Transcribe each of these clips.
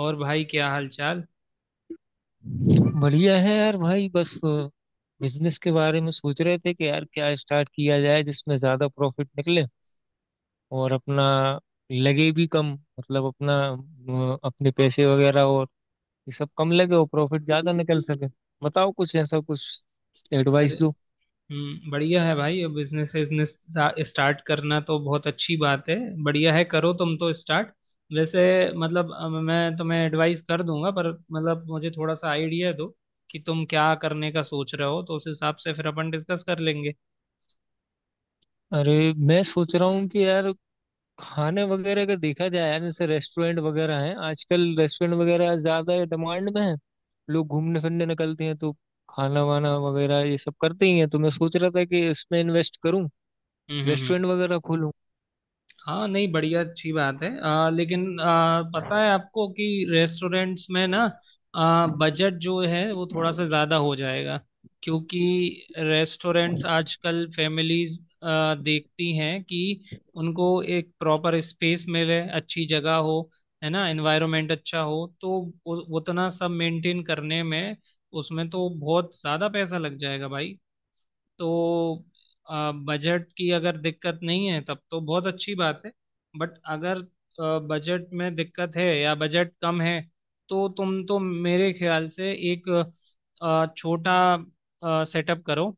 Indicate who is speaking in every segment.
Speaker 1: और भाई, क्या हाल चाल?
Speaker 2: बढ़िया है यार भाई बस बिजनेस के बारे में सोच रहे थे कि यार क्या स्टार्ट किया जाए जिसमें ज्यादा प्रॉफिट निकले और अपना लगे भी कम, मतलब अपना अपने पैसे वगैरह और ये सब कम लगे और प्रॉफिट ज्यादा निकल सके। बताओ कुछ ऐसा कुछ
Speaker 1: अरे।
Speaker 2: एडवाइस दो।
Speaker 1: बढ़िया है भाई। अब बिजनेस बिजनेस स्टार्ट करना तो बहुत अच्छी बात है। बढ़िया है, करो तुम तो स्टार्ट। वैसे मतलब मैं तुम्हें एडवाइस कर दूंगा, पर मतलब मुझे थोड़ा सा आइडिया दो कि तुम क्या करने का सोच रहे हो, तो उस हिसाब से फिर अपन डिस्कस कर लेंगे।
Speaker 2: अरे मैं सोच रहा हूँ कि यार खाने वगैरह का देखा जाए यार, जैसे रेस्टोरेंट वगैरह हैं, आजकल रेस्टोरेंट वगैरह ज्यादा डिमांड में है। लोग घूमने फिरने निकलते हैं तो खाना वाना वगैरह ये सब करते ही हैं, तो मैं सोच रहा था कि इसमें इन्वेस्ट करूं,
Speaker 1: हम्म हम्म हम्म।
Speaker 2: रेस्टोरेंट वगैरह खोलूं।
Speaker 1: हाँ नहीं, बढ़िया, अच्छी बात है। लेकिन पता है आपको कि रेस्टोरेंट्स में ना बजट जो है वो थोड़ा सा ज़्यादा हो जाएगा, क्योंकि रेस्टोरेंट्स आजकल फैमिलीज देखती हैं कि उनको एक प्रॉपर स्पेस मिले, अच्छी जगह हो, है ना, एनवायरनमेंट अच्छा हो, तो उतना सब मेंटेन करने में, उसमें तो बहुत ज़्यादा पैसा लग जाएगा भाई। तो बजट की अगर दिक्कत नहीं है तब तो बहुत अच्छी बात है, बट अगर बजट में दिक्कत है या बजट कम है तो तुम तो मेरे ख्याल से एक छोटा सेटअप करो।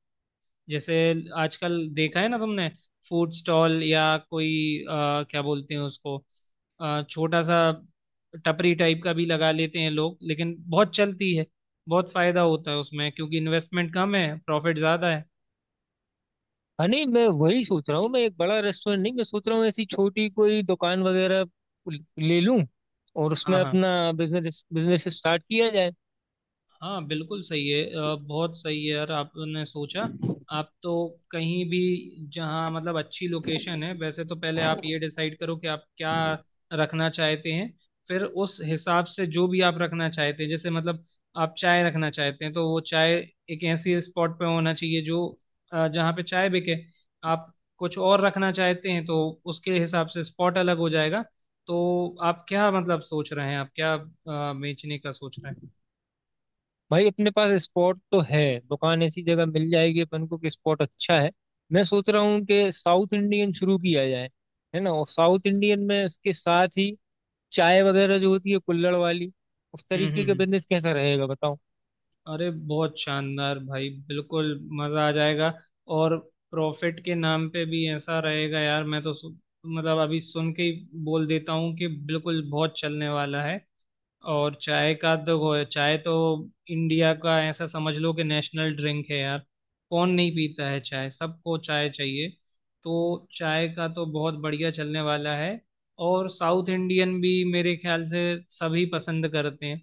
Speaker 1: जैसे, आजकल देखा है ना तुमने, फूड स्टॉल या कोई क्या बोलते हैं उसको, छोटा सा टपरी टाइप का भी लगा लेते हैं लोग, लेकिन बहुत चलती है, बहुत फायदा होता है उसमें, क्योंकि इन्वेस्टमेंट कम है, प्रॉफिट ज़्यादा है।
Speaker 2: हाँ नहीं मैं वही सोच रहा हूँ, मैं एक बड़ा रेस्टोरेंट नहीं, मैं सोच रहा हूँ ऐसी छोटी कोई दुकान वगैरह ले लूं और
Speaker 1: हाँ
Speaker 2: उसमें
Speaker 1: हाँ
Speaker 2: अपना बिजनेस बिजनेस स्टार्ट किया जाए।
Speaker 1: हाँ बिल्कुल सही है। बहुत सही है यार, आपने सोचा। आप तो कहीं भी जहाँ मतलब अच्छी लोकेशन है, वैसे तो पहले आप ये डिसाइड करो कि आप क्या रखना चाहते हैं। फिर उस हिसाब से जो भी आप रखना चाहते हैं, जैसे मतलब आप चाय रखना चाहते हैं तो वो चाय एक ऐसी स्पॉट पे होना चाहिए जो जहाँ पे चाय बिके। आप कुछ और रखना चाहते हैं तो उसके हिसाब से स्पॉट अलग हो जाएगा। तो आप क्या मतलब सोच रहे हैं, आप क्या बेचने का सोच रहे हैं?
Speaker 2: भाई अपने पास स्पॉट तो है, दुकान ऐसी जगह मिल जाएगी अपन को कि स्पॉट अच्छा है। मैं सोच रहा हूँ कि साउथ इंडियन शुरू किया जाए, है ना, और साउथ इंडियन में इसके साथ ही चाय वगैरह जो होती है कुल्हड़ वाली, उस
Speaker 1: हम्म हम्म
Speaker 2: तरीके का
Speaker 1: हम्म।
Speaker 2: बिजनेस कैसा रहेगा बताओ।
Speaker 1: अरे बहुत शानदार भाई, बिल्कुल मजा आ जाएगा। और प्रॉफिट के नाम पे भी ऐसा रहेगा यार, मैं तो मतलब अभी सुन के ही बोल देता हूँ कि बिल्कुल बहुत चलने वाला है। और चाय का तो वो है, चाय तो इंडिया का ऐसा समझ लो कि नेशनल ड्रिंक है यार। कौन नहीं पीता है चाय? सबको चाय चाहिए। तो चाय का तो बहुत बढ़िया चलने वाला है। और साउथ इंडियन भी मेरे ख्याल से सभी पसंद करते हैं,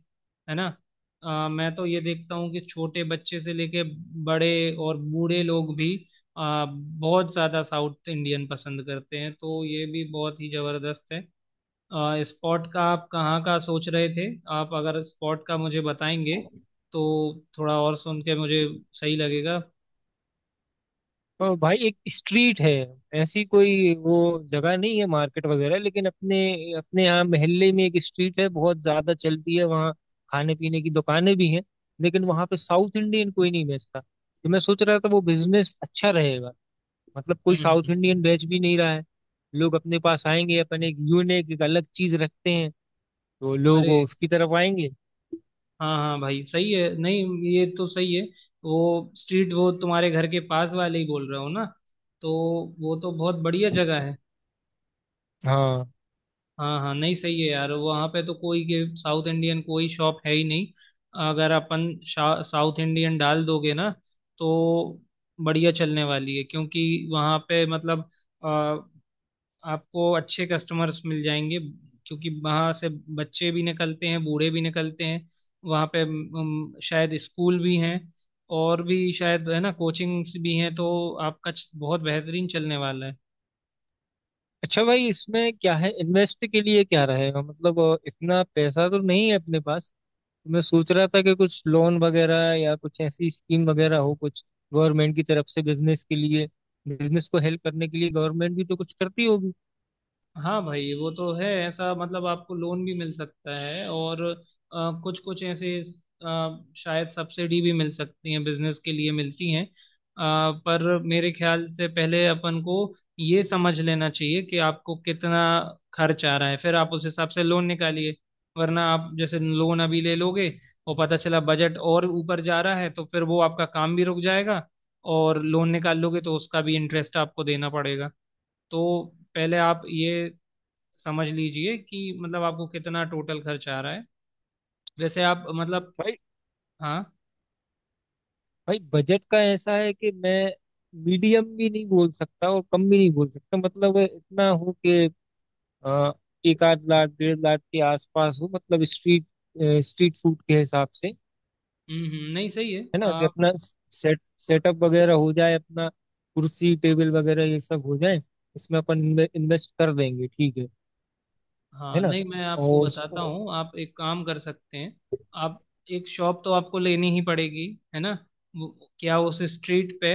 Speaker 1: है ना। मैं तो ये देखता हूँ कि छोटे बच्चे से लेके बड़े और बूढ़े लोग भी बहुत ज़्यादा साउथ इंडियन पसंद करते हैं, तो ये भी बहुत ही ज़बरदस्त है। स्पॉट का आप कहाँ का सोच रहे थे? आप अगर स्पॉट का मुझे बताएंगे तो थोड़ा और सुन के मुझे सही लगेगा।
Speaker 2: और भाई एक स्ट्रीट है, ऐसी कोई वो जगह नहीं है मार्केट वगैरह, लेकिन अपने अपने यहाँ मोहल्ले में एक स्ट्रीट है बहुत ज्यादा चलती है वहाँ। खाने पीने की दुकानें भी हैं, लेकिन वहाँ पे साउथ इंडियन कोई नहीं बेचता, तो मैं सोच रहा था वो बिजनेस अच्छा रहेगा। मतलब कोई
Speaker 1: हम्म
Speaker 2: साउथ
Speaker 1: हम्म।
Speaker 2: इंडियन बैच भी नहीं रहा है, लोग अपने पास आएंगे, अपन एक यूनिक एक अलग चीज रखते हैं तो लोग
Speaker 1: अरे
Speaker 2: वो उसकी तरफ आएंगे।
Speaker 1: हाँ हाँ भाई, सही है, नहीं ये तो सही है। वो स्ट्रीट, वो तुम्हारे घर के पास वाले ही बोल रहे हो ना, तो वो तो बहुत बढ़िया जगह है।
Speaker 2: हाँ।
Speaker 1: हाँ हाँ नहीं सही है यार, वहाँ पे तो कोई के साउथ इंडियन कोई शॉप है ही नहीं। अगर अपन साउथ इंडियन डाल दोगे ना तो बढ़िया चलने वाली है, क्योंकि वहाँ पे मतलब अ, आपको अच्छे कस्टमर्स मिल जाएंगे। क्योंकि वहाँ से बच्चे भी निकलते हैं, बूढ़े भी निकलते हैं, वहाँ पे शायद स्कूल भी हैं, और भी शायद, है ना, कोचिंग्स भी हैं। तो आपका बहुत बेहतरीन चलने वाला है।
Speaker 2: अच्छा भाई इसमें क्या है, इन्वेस्ट के लिए क्या रहेगा, मतलब इतना पैसा तो नहीं है अपने पास, तो मैं सोच रहा था कि कुछ लोन वगैरह या कुछ ऐसी स्कीम वगैरह हो कुछ गवर्नमेंट की तरफ से, बिजनेस के लिए, बिजनेस को हेल्प करने के लिए गवर्नमेंट भी तो कुछ करती होगी।
Speaker 1: हाँ भाई, वो तो है ऐसा मतलब आपको लोन भी मिल सकता है, और कुछ कुछ ऐसे शायद सब्सिडी भी मिल सकती है, बिजनेस के लिए मिलती हैं। पर मेरे ख्याल से पहले अपन को ये समझ लेना चाहिए कि आपको कितना खर्च आ रहा है, फिर आप उस हिसाब से लोन निकालिए। वरना आप जैसे लोन अभी ले लोगे और पता चला बजट और ऊपर जा रहा है, तो फिर वो आपका काम भी रुक जाएगा। और लोन निकाल लोगे तो उसका भी इंटरेस्ट आपको देना पड़ेगा। तो पहले आप ये समझ लीजिए कि मतलब आपको कितना टोटल खर्च आ रहा है। वैसे आप मतलब,
Speaker 2: भाई।
Speaker 1: हाँ,
Speaker 2: भाई, बजट का ऐसा है कि मैं मीडियम भी नहीं बोल सकता और कम भी नहीं बोल सकता, मतलब इतना हो कि अ, एक आध लाख 1.5 लाख के आसपास हो। मतलब स्ट्रीट स्ट्रीट फूड के हिसाब से, है
Speaker 1: नहीं सही है।
Speaker 2: ना, कि अपना सेटअप वगैरह हो जाए अपना, कुर्सी टेबल वगैरह ये सब हो जाए, इसमें अपन इन्वेस्ट कर देंगे, ठीक है
Speaker 1: हाँ
Speaker 2: ना
Speaker 1: नहीं, मैं आपको
Speaker 2: और
Speaker 1: बताता
Speaker 2: उसको।
Speaker 1: हूँ, आप एक काम कर सकते हैं। आप एक शॉप तो आपको लेनी ही पड़ेगी, है ना। क्या उस स्ट्रीट पे,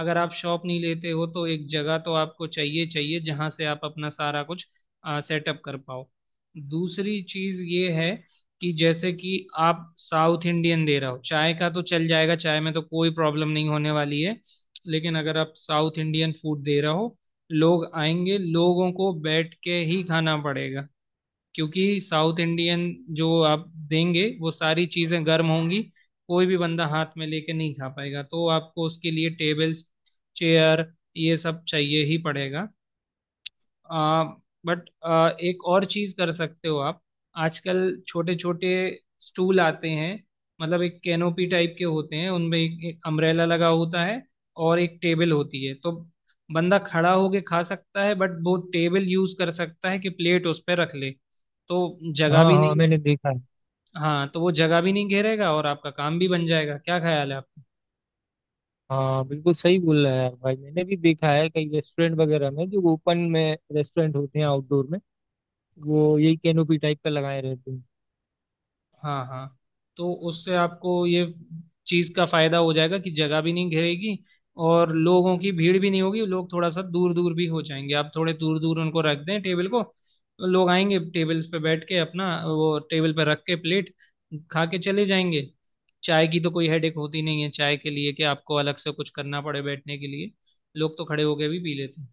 Speaker 1: अगर आप शॉप नहीं लेते हो तो एक जगह तो आपको चाहिए चाहिए जहाँ से आप अपना सारा कुछ सेटअप कर पाओ। दूसरी चीज़ ये है कि जैसे कि आप साउथ इंडियन दे रहे हो, चाय का तो चल जाएगा, चाय में तो कोई प्रॉब्लम नहीं होने वाली है, लेकिन अगर आप साउथ इंडियन फूड दे रहे हो, लोग आएंगे, लोगों को बैठ के ही खाना पड़ेगा। क्योंकि साउथ इंडियन जो आप देंगे, वो सारी चीज़ें गर्म होंगी, कोई भी बंदा हाथ में लेके नहीं खा पाएगा। तो आपको उसके लिए टेबल्स, चेयर, ये सब चाहिए ही पड़ेगा। आ, बट एक और चीज कर सकते हो आप। आजकल छोटे छोटे स्टूल आते हैं, मतलब एक कैनोपी टाइप के होते हैं, उनमें एक, एक अम्ब्रेला लगा होता है और एक टेबल होती है, तो बंदा खड़ा होके खा सकता है, बट वो टेबल यूज कर सकता है कि प्लेट उस पर रख ले। तो जगह
Speaker 2: हाँ
Speaker 1: भी
Speaker 2: हाँ
Speaker 1: नहीं,
Speaker 2: मैंने देखा है।
Speaker 1: हाँ, तो वो जगह भी नहीं घेरेगा, और आपका काम भी बन जाएगा, क्या ख्याल है आपका?
Speaker 2: हाँ बिल्कुल सही बोल रहा है यार भाई, मैंने भी देखा है कई रेस्टोरेंट वगैरह में, जो ओपन में रेस्टोरेंट होते हैं आउटडोर में, वो यही कैनोपी टाइप का लगाए रहते हैं।
Speaker 1: हाँ हाँ, तो उससे आपको ये चीज़ का फायदा हो जाएगा कि जगह भी नहीं घेरेगी और लोगों की भीड़ भी नहीं होगी। लोग थोड़ा सा दूर दूर भी हो जाएंगे, आप थोड़े दूर दूर उनको रख दें टेबल को, तो लोग आएंगे, टेबल पे बैठ के अपना वो टेबल पे रख के प्लेट, खा के चले जाएंगे। चाय की तो कोई हेडेक होती नहीं है चाय के लिए, कि आपको अलग से कुछ करना पड़े बैठने के लिए, लोग तो खड़े होके भी पी लेते हैं।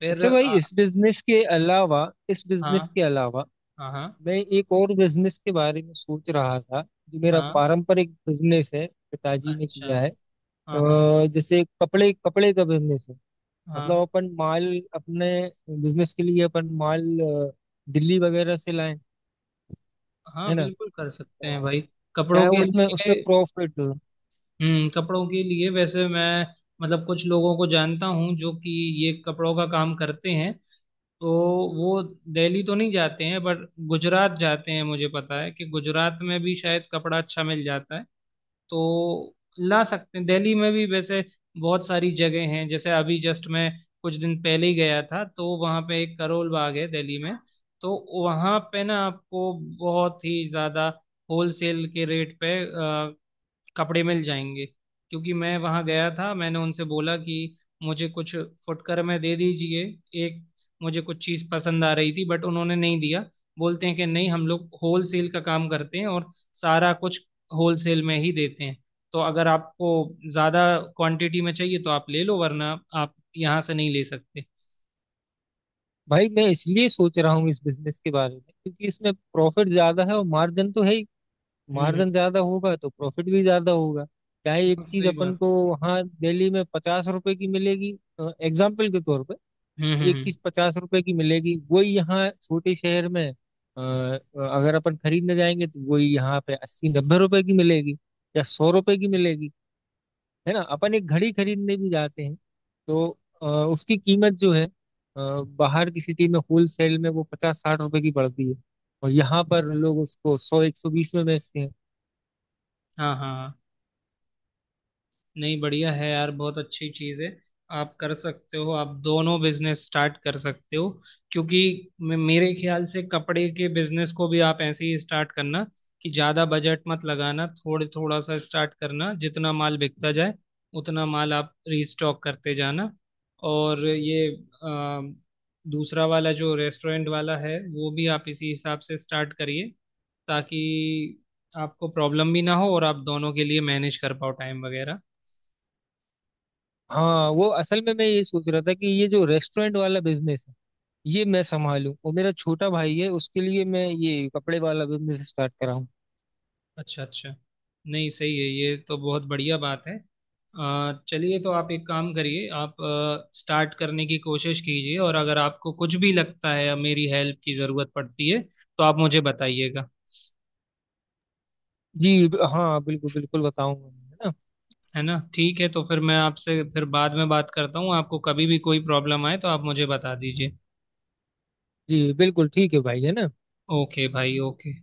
Speaker 1: फिर
Speaker 2: अच्छा भाई इस
Speaker 1: हाँ
Speaker 2: बिजनेस के अलावा
Speaker 1: हाँ हाँ
Speaker 2: मैं एक और बिजनेस के बारे में सोच रहा था, जो मेरा
Speaker 1: हाँ
Speaker 2: पारंपरिक बिजनेस है, पिताजी ने
Speaker 1: अच्छा
Speaker 2: किया है।
Speaker 1: हाँ हाँ
Speaker 2: जैसे कपड़े कपड़े का बिजनेस है, मतलब
Speaker 1: हाँ
Speaker 2: अपन माल अपने बिजनेस के लिए अपन माल दिल्ली वगैरह से लाएं,
Speaker 1: हाँ
Speaker 2: है ना,
Speaker 1: बिल्कुल कर सकते हैं
Speaker 2: तो
Speaker 1: भाई।
Speaker 2: क्या
Speaker 1: कपड़ों
Speaker 2: है
Speaker 1: के
Speaker 2: उसमें उसमें
Speaker 1: लिए,
Speaker 2: प्रॉफिट।
Speaker 1: हम्म, कपड़ों के लिए वैसे मैं मतलब कुछ लोगों को जानता हूँ जो कि ये कपड़ों का काम करते हैं। तो वो दिल्ली तो नहीं जाते हैं बट गुजरात जाते हैं, मुझे पता है कि गुजरात में भी शायद कपड़ा अच्छा मिल जाता है। तो ला सकते हैं दिल्ली में भी। वैसे बहुत सारी जगह हैं, जैसे अभी जस्ट मैं कुछ दिन पहले ही गया था, तो वहाँ पे एक करोल बाग है दिल्ली में, तो वहाँ पे ना आपको बहुत ही ज़्यादा होलसेल के रेट पे कपड़े मिल जाएंगे। क्योंकि मैं वहाँ गया था, मैंने उनसे बोला कि मुझे कुछ फुटकर में दे दीजिए, एक मुझे कुछ चीज़ पसंद आ रही थी, बट उन्होंने नहीं दिया। बोलते हैं कि नहीं, हम लोग होल सेल का काम करते हैं और सारा कुछ होल सेल में ही देते हैं। तो अगर आपको ज़्यादा क्वांटिटी में चाहिए तो आप ले लो, वरना आप यहाँ से नहीं ले सकते।
Speaker 2: भाई मैं इसलिए सोच रहा हूँ इस बिजनेस के बारे में, क्योंकि इसमें प्रॉफिट ज्यादा है और मार्जिन तो है ही,
Speaker 1: हम्म,
Speaker 2: मार्जिन ज्यादा होगा तो प्रॉफिट भी ज्यादा होगा। क्या है, एक
Speaker 1: हाँ,
Speaker 2: चीज
Speaker 1: सही
Speaker 2: अपन
Speaker 1: बात
Speaker 2: को
Speaker 1: है।
Speaker 2: वहाँ दिल्ली में 50 रुपए की मिलेगी, एग्जाम्पल के तौर पे।
Speaker 1: हम्म हम्म
Speaker 2: एक
Speaker 1: हम्म।
Speaker 2: चीज 50 रुपए की मिलेगी, वही यहाँ छोटे शहर में अगर अपन खरीदने जाएंगे तो वही यहाँ पे 80-90 रुपए की मिलेगी या 100 रुपए की मिलेगी। है ना, अपन एक घड़ी खरीदने भी जाते हैं तो उसकी कीमत जो है बाहर की सिटी में होल सेल में वो 50-60 रुपए की पड़ती है और यहाँ पर लोग उसको 100-120 में बेचते हैं।
Speaker 1: हाँ हाँ हाँ। नहीं बढ़िया है यार, बहुत अच्छी चीज़ है। आप कर सकते हो, आप दोनों बिजनेस स्टार्ट कर सकते हो। क्योंकि मेरे ख्याल से कपड़े के बिजनेस को भी आप ऐसे ही स्टार्ट करना, कि ज़्यादा बजट मत लगाना, थोड़े थोड़ा सा स्टार्ट करना, जितना माल बिकता जाए उतना माल आप रीस्टॉक करते जाना। और ये अ, दूसरा वाला जो रेस्टोरेंट वाला है वो भी आप इसी हिसाब से स्टार्ट करिए, ताकि आपको प्रॉब्लम भी ना हो और आप दोनों के लिए मैनेज कर पाओ टाइम वगैरह।
Speaker 2: हाँ वो असल में मैं ये सोच रहा था कि ये जो रेस्टोरेंट वाला बिजनेस है ये मैं संभालूं, और मेरा छोटा भाई है उसके लिए मैं ये कपड़े वाला बिजनेस स्टार्ट कराऊं।
Speaker 1: अच्छा अच्छा। नहीं सही है, ये तो बहुत बढ़िया बात है। चलिए, तो आप एक काम करिए, आप स्टार्ट करने की कोशिश कीजिए, और अगर आपको कुछ भी लगता है मेरी हेल्प की ज़रूरत पड़ती है, तो आप मुझे बताइएगा।
Speaker 2: जी हाँ बिल्कुल बिल्कुल बताऊंगा, है ना।
Speaker 1: है ना, ठीक है। तो फिर मैं आपसे फिर बाद में बात करता हूँ, आपको कभी भी कोई प्रॉब्लम आए तो आप मुझे बता दीजिए।
Speaker 2: जी बिल्कुल ठीक है भाई, है ना।
Speaker 1: ओके भाई, ओके।